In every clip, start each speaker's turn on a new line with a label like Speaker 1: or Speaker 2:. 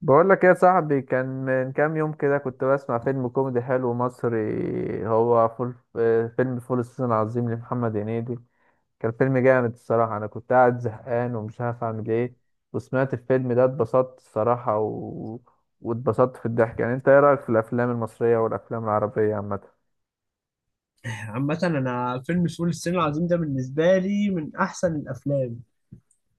Speaker 1: بقول لك ايه يا صاحبي؟ كان من كام يوم كده كنت بسمع فيلم كوميدي حلو مصري، هو فول فيلم فول الصين العظيم لمحمد هنيدي. كان فيلم جامد الصراحة. انا كنت قاعد زهقان ومش عارف اعمل ايه، وسمعت الفيلم ده اتبسطت الصراحة واتبسطت في الضحك. انت ايه رأيك في الافلام المصرية والافلام العربية عامة؟
Speaker 2: عامة، أنا فيلم فول الصين العظيم ده بالنسبة لي من أحسن الأفلام.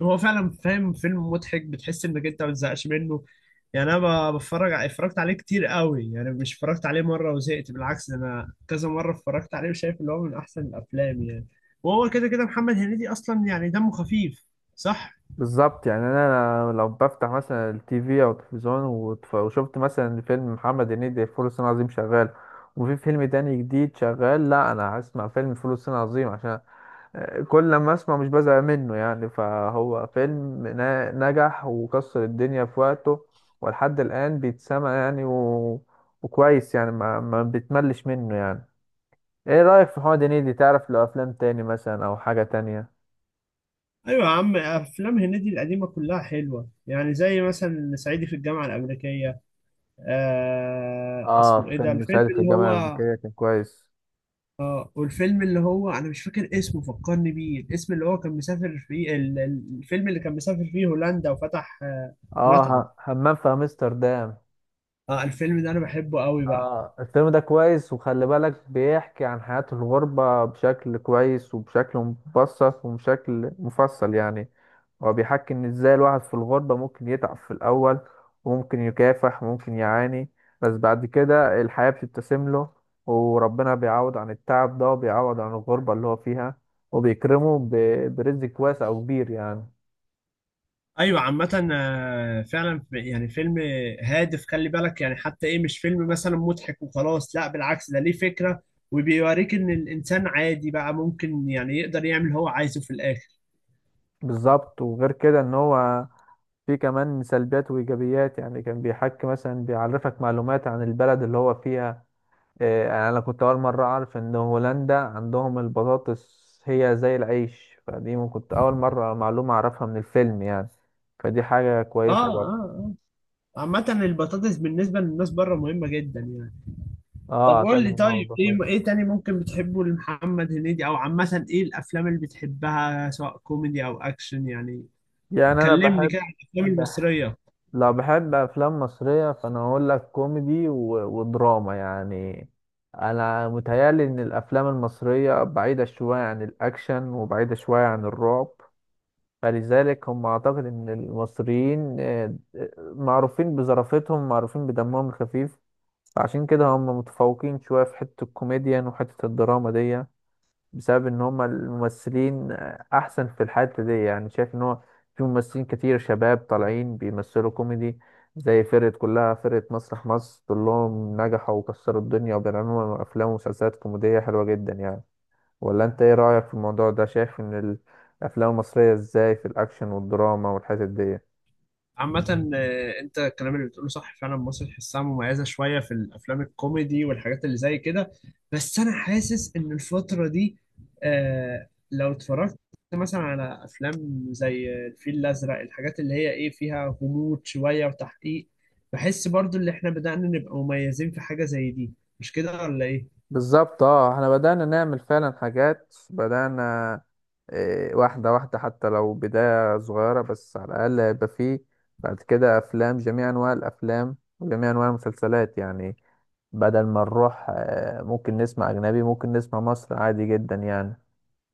Speaker 2: هو فعلا فاهم، فيلم مضحك، بتحس إنك أنت ما بتزهقش منه. يعني أنا بتفرج اتفرجت عليه كتير قوي، يعني مش اتفرجت عليه مرة وزهقت، بالعكس ده أنا كذا مرة اتفرجت عليه وشايف إن هو من أحسن الأفلام يعني. وهو كده كده محمد هنيدي أصلا يعني دمه خفيف، صح؟
Speaker 1: بالظبط، يعني انا لو بفتح مثلا التي في او التلفزيون وشفت مثلا فيلم محمد هنيدي فول الصين العظيم شغال، وفي فيلم تاني جديد شغال، لا انا هسمع فيلم فول الصين العظيم، عشان كل لما اسمع مش بزهق منه. يعني فهو فيلم نجح وكسر الدنيا في وقته، ولحد الان بيتسمع وكويس يعني. ما بتملش منه يعني. ايه رأيك في محمد هنيدي؟ تعرف له افلام تاني مثلا او حاجة تانية؟
Speaker 2: أيوة يا عم، أفلام هنيدي القديمة كلها حلوة يعني، زي مثلا صعيدي في الجامعة الأمريكية. آه،
Speaker 1: اه،
Speaker 2: اسمه إيه ده
Speaker 1: فيلم
Speaker 2: الفيلم
Speaker 1: سعيد في
Speaker 2: اللي
Speaker 1: الجامعة
Speaker 2: هو.
Speaker 1: الأمريكية كان كويس.
Speaker 2: اه، والفيلم اللي هو انا مش فاكر اسمه، فكرني بيه، الاسم اللي هو كان مسافر فيه الفيلم اللي كان مسافر فيه هولندا وفتح
Speaker 1: اه،
Speaker 2: مطعم.
Speaker 1: همام في امستردام.
Speaker 2: اه الفيلم ده انا بحبه قوي بقى.
Speaker 1: اه الفيلم ده كويس، وخلي بالك بيحكي عن حياة الغربة بشكل كويس وبشكل مبسط وبشكل مفصل يعني. هو بيحكي ان ازاي الواحد في الغربة ممكن يتعب في الاول، وممكن يكافح وممكن يعاني، بس بعد كده الحياة بتبتسم له، وربنا بيعوض عن التعب ده وبيعوض عن الغربة اللي هو فيها، وبيكرمه برزق واسع وكبير يعني.
Speaker 2: ايوه عامة، فعلا يعني فيلم هادف، خلي بالك يعني، حتى ايه مش فيلم مثلا مضحك وخلاص، لا بالعكس ده ليه فكرة، وبيوريك ان الانسان عادي بقى ممكن يعني يقدر يعمل اللي هو عايزه في الاخر.
Speaker 1: بالظبط، وغير كده ان هو في كمان سلبيات وإيجابيات. يعني كان بيحكي مثلا بيعرفك معلومات عن البلد اللي هو فيها. يعني أنا كنت أول مرة أعرف إن هولندا عندهم البطاطس هي زي العيش. فدي كنت أول مرة معلومة أعرفها من الفيلم يعني، فدي حاجة
Speaker 2: اه،
Speaker 1: كويسة
Speaker 2: اه،
Speaker 1: برضه.
Speaker 2: اه. عامة البطاطس بالنسبة للناس بره مهمة جدا يعني.
Speaker 1: اه،
Speaker 2: طب قول
Speaker 1: أعتقد
Speaker 2: لي،
Speaker 1: إن هو
Speaker 2: طيب ايه
Speaker 1: البطاطس.
Speaker 2: ايه تاني ممكن بتحبه لمحمد هنيدي، او عامة ايه الافلام اللي بتحبها سواء كوميدي او اكشن يعني.
Speaker 1: يعني أنا
Speaker 2: كلمني
Speaker 1: بحب،
Speaker 2: كده عن الافلام المصرية.
Speaker 1: لا بحب افلام مصريه، فانا هقول لك كوميدي ودراما يعني. انا متهيالي ان الافلام المصريه بعيده شويه عن الاكشن وبعيده شويه عن الرعب، فلذلك هم اعتقد ان المصريين معروفين بظرافتهم، معروفين بدمهم الخفيف، فعشان كده هم متفوقين شويه في حته الكوميديا وحته الدراما دي، بسبب ان هم الممثلين احسن في الحتة دي. يعني شايف ان هو في ممثلين كتير شباب طالعين بيمثلوا كوميدي، زي فرقة كلها فرقة مسرح مصر كلهم نجحوا وكسروا الدنيا، وبيعملوا افلام ومسلسلات كوميدية حلوة جدا يعني. ولا انت ايه رأيك في الموضوع ده؟ شايف ان الافلام المصرية ازاي في الاكشن والدراما والحتت دي؟
Speaker 2: عامة، انت الكلام اللي بتقوله صح فعلا، مصر تحسها مميزة شوية في الافلام الكوميدي والحاجات اللي زي كده. بس انا حاسس ان الفترة دي، لو اتفرجت مثلا على افلام زي الفيل الازرق، الحاجات اللي هي ايه فيها غموض شوية وتحقيق، بحس برضو ان احنا بدأنا نبقى مميزين في حاجة زي دي. مش كده ولا ايه؟
Speaker 1: بالظبط، اه احنا بدأنا نعمل فعلا حاجات، بدأنا واحدة واحدة، حتى لو بداية صغيرة، بس على الأقل هيبقى فيه بعد كده أفلام، جميع أنواع الأفلام وجميع أنواع المسلسلات يعني. بدل ما نروح ممكن نسمع أجنبي، ممكن نسمع مصر عادي جدا يعني.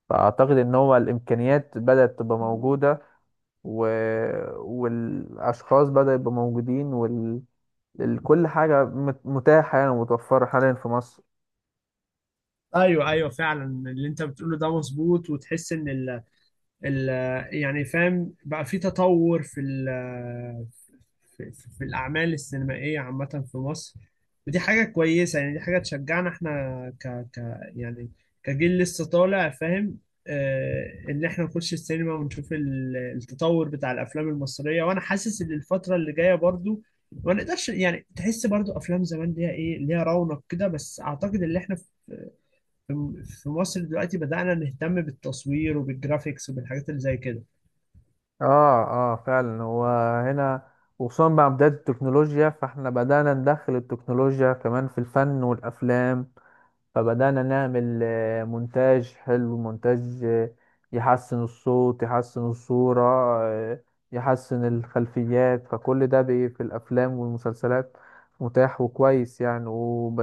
Speaker 1: فأعتقد إن هو الإمكانيات بدأت تبقى موجودة و... والأشخاص بدأوا يبقوا موجودين كل حاجة متاحة يعني ومتوفرة حاليا في مصر.
Speaker 2: ايوه ايوه، فعلا اللي انت بتقوله ده مظبوط. وتحس ان ال يعني فاهم، بقى في تطور في الأعمال السينمائية عامة في مصر. ودي حاجة كويسة يعني، دي حاجة تشجعنا احنا ك, ك يعني كجيل لسه طالع فاهم، إن احنا نخش السينما ونشوف التطور بتاع الأفلام المصرية. وأنا حاسس إن الفترة اللي جاية برضو ما نقدرش يعني، تحس برضو أفلام زمان ليها ليها رونق كده، بس أعتقد إن احنا في مصر دلوقتي بدأنا نهتم بالتصوير وبالجرافيكس وبالحاجات اللي زي كده.
Speaker 1: اه اه فعلا، هو هنا. وخصوصا مع بداية التكنولوجيا، فاحنا بدأنا ندخل التكنولوجيا كمان في الفن والأفلام، فبدأنا نعمل مونتاج حلو، مونتاج يحسن الصوت، يحسن الصورة، آه، يحسن الخلفيات. فكل ده في الأفلام والمسلسلات متاح وكويس يعني.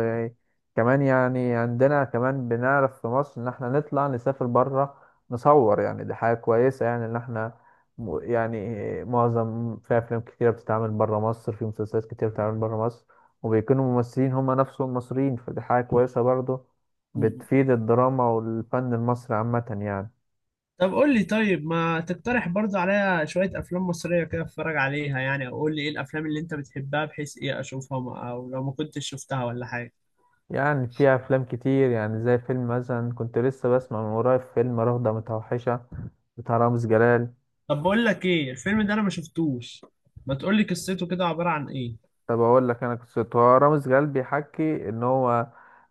Speaker 1: كمان يعني عندنا كمان بنعرف في مصر إن احنا نطلع نسافر برا نصور، يعني دي حاجة كويسة يعني، إن احنا يعني معظم في أفلام كتيرة بتتعمل برا مصر، في مسلسلات كتيرة بتتعمل برا مصر، وبيكونوا ممثلين هما نفسهم مصريين، فدي حاجة كويسة برضه، بتفيد الدراما والفن المصري عامة يعني.
Speaker 2: طب قول لي، طيب ما تقترح برضو عليا شوية أفلام مصرية كده أتفرج عليها يعني، أو قول لي إيه الأفلام اللي أنت بتحبها بحيث إيه أشوفها، أو لو ما كنتش شفتها ولا حاجة.
Speaker 1: يعني في أفلام كتير، يعني زي فيلم مثلا كنت لسه بسمع من قريب، فيلم رهضة متوحشة بتاع رامز جلال.
Speaker 2: طب بقول لك إيه الفيلم ده، أنا ما شفتوش، ما تقول لي قصته كده عبارة عن إيه.
Speaker 1: طب أقول لك أنا قصته. هو رامز جلال بيحكي إن هو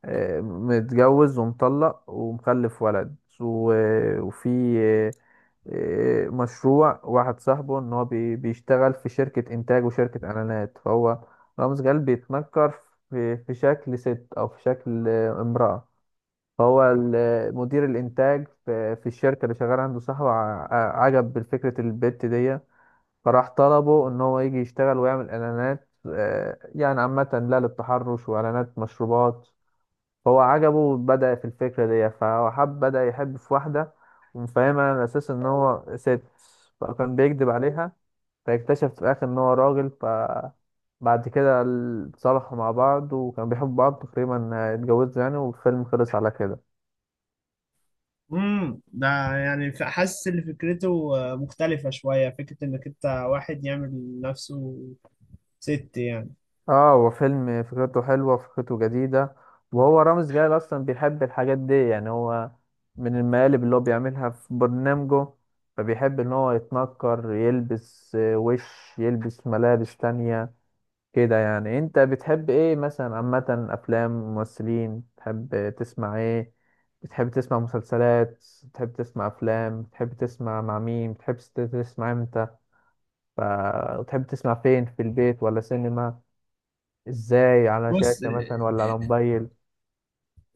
Speaker 1: متجوز ومطلق ومخلف ولد، وفي مشروع واحد صاحبه ان هو بيشتغل في شركة انتاج وشركة اعلانات. فهو رامز جلال بيتنكر في شكل ست او في شكل امرأة. فهو مدير الانتاج في الشركة اللي شغال عنده صاحبه عجب بالفكرة البت دي، فراح طلبه ان هو يجي يشتغل ويعمل اعلانات، يعني عامة لا للتحرش واعلانات مشروبات. هو عجبه، بدأ في الفكرة دي، فهو حب، بدأ يحب في واحدة، ومفهمها على أساس إن هو ست، فكان بيكذب عليها. فاكتشف في الآخر إن هو راجل، فبعد كده اتصالحوا مع بعض وكانوا بيحبوا بعض، تقريبا اتجوزوا يعني، والفيلم خلص على كده.
Speaker 2: ده يعني حاسس إن فكرته مختلفة شوية، فكرة إنك أنت واحد يعمل نفسه ست يعني.
Speaker 1: اه، هو فيلم فكرته حلوة، فكرته جديدة. وهو رامز جلال أصلا بيحب الحاجات دي يعني، هو من المقالب اللي هو بيعملها في برنامجه، فبيحب إن هو يتنكر، يلبس وش، يلبس ملابس تانية كده يعني. أنت بتحب إيه مثلا عامة؟ أفلام ممثلين، بتحب تسمع إيه؟ بتحب تسمع مسلسلات، بتحب تسمع أفلام، بتحب تسمع مع مين، بتحب تسمع إمتى، ف- بتحب تسمع فين، في البيت ولا سينما، ازاي، على
Speaker 2: بص،
Speaker 1: شاشة مثلا ولا على موبايل؟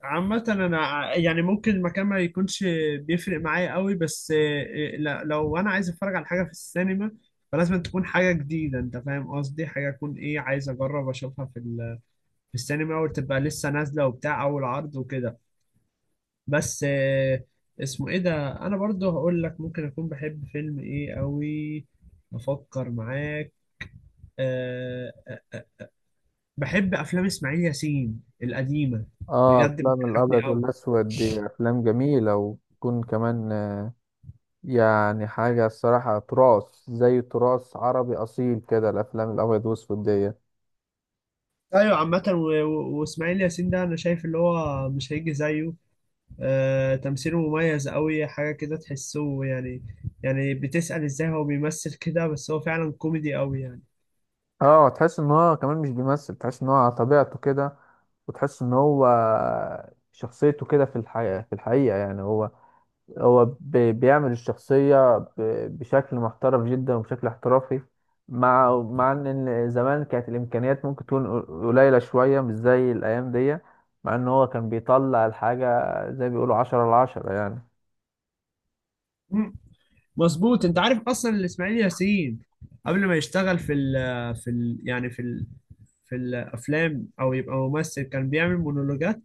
Speaker 2: عامة أنا يعني ممكن المكان ما يكونش بيفرق معايا قوي، بس لو أنا عايز أتفرج على حاجة في السينما فلازم تكون حاجة جديدة، أنت فاهم قصدي، حاجة أكون عايز أجرب أشوفها في السينما، وتبقى لسه نازلة وبتاع أول عرض وكده. بس اسمه إيه ده، أنا برضو هقول لك ممكن أكون بحب فيلم قوي. أفكر معاك. أه، أه، أه. بحب أفلام إسماعيل ياسين القديمة
Speaker 1: اه
Speaker 2: بجد،
Speaker 1: افلام
Speaker 2: بتضحكني
Speaker 1: الابيض
Speaker 2: قوي.
Speaker 1: والاسود دي افلام جميله، وتكون كمان يعني حاجه الصراحه تراث، زي تراث عربي اصيل كده الافلام الابيض والاسود دي.
Speaker 2: ايوه عامة، واسماعيل ياسين ده انا شايف اللي هو مش هيجي زيه. تمثيله مميز قوي، حاجة كده تحسه يعني، يعني بتسأل ازاي هو بيمثل كده، بس هو فعلا كوميدي قوي يعني.
Speaker 1: اه، تحس ان هو كمان مش بيمثل، تحس ان هو على طبيعته كده، وتحس ان هو شخصيته كده في الحقيقه. في الحقيقه يعني هو، هو بيعمل الشخصية بشكل محترف جدا وبشكل احترافي، مع ان إن زمان كانت الامكانيات ممكن تكون قليلة شوية مش زي الايام دي، مع ان هو كان بيطلع الحاجة زي ما بيقولوا عشرة على عشرة يعني.
Speaker 2: مم. مظبوط. انت عارف اصلا إن اسماعيل ياسين قبل ما يشتغل في ال في ال يعني في الافلام او يبقى ممثل، كان بيعمل مونولوجات.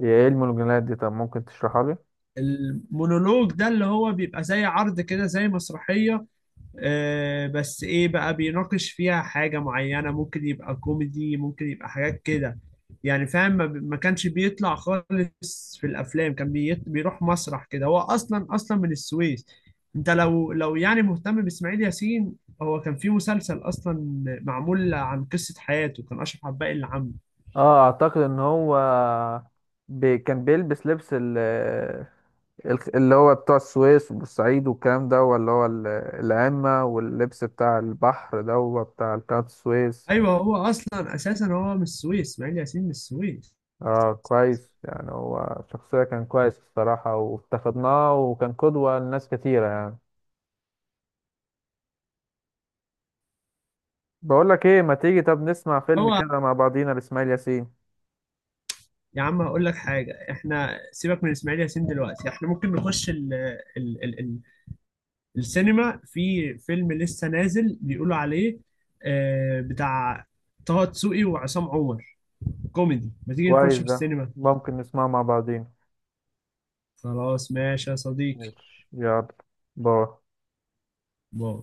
Speaker 1: هي ايه المونوجرامات دي؟ طب ممكن تشرحها لي؟
Speaker 2: المونولوج ده اللي هو بيبقى زي عرض كده، زي مسرحية، بس ايه بقى بيناقش فيها حاجة معينة، ممكن يبقى كوميدي ممكن يبقى حاجات كده. يعني فاهم، ما كانش بيطلع خالص في الافلام، كان بيروح مسرح كده، هو اصلا اصلا من السويس. انت لو يعني مهتم باسماعيل ياسين، هو كان في مسلسل اصلا معمول عن قصة حياته، كان اشرف عباقي اللي عامله.
Speaker 1: اه اعتقد ان هو بي كان بيلبس لبس اللي هو بتوع السويس والصعيد والكلام ده، ولا هو العمة واللبس بتاع البحر ده هو بتاع قناة السويس.
Speaker 2: ايوه، هو اصلا اساسا هو من السويس، اسماعيل ياسين من السويس.
Speaker 1: اه كويس، يعني هو شخصية كان كويس الصراحة، وافتقدناه وكان قدوة لناس كتيرة يعني. بقول لك ايه، ما تيجي طب نسمع فيلم
Speaker 2: هو
Speaker 1: كده مع بعضينا لإسماعيل ياسين؟
Speaker 2: يا عم هقول لك حاجة، احنا سيبك من اسماعيل ياسين دلوقتي، احنا ممكن نخش ال ال ال ال السينما، في فيلم لسه نازل بيقولوا عليه، بتاع طه دسوقي وعصام عمر، كوميدي، ما تيجي نخش
Speaker 1: كويس
Speaker 2: في
Speaker 1: ده،
Speaker 2: السينما.
Speaker 1: ممكن نسمعه مع بعضينا.
Speaker 2: خلاص ماشي يا صديقي.
Speaker 1: ماشي، يلا، باي.
Speaker 2: باي.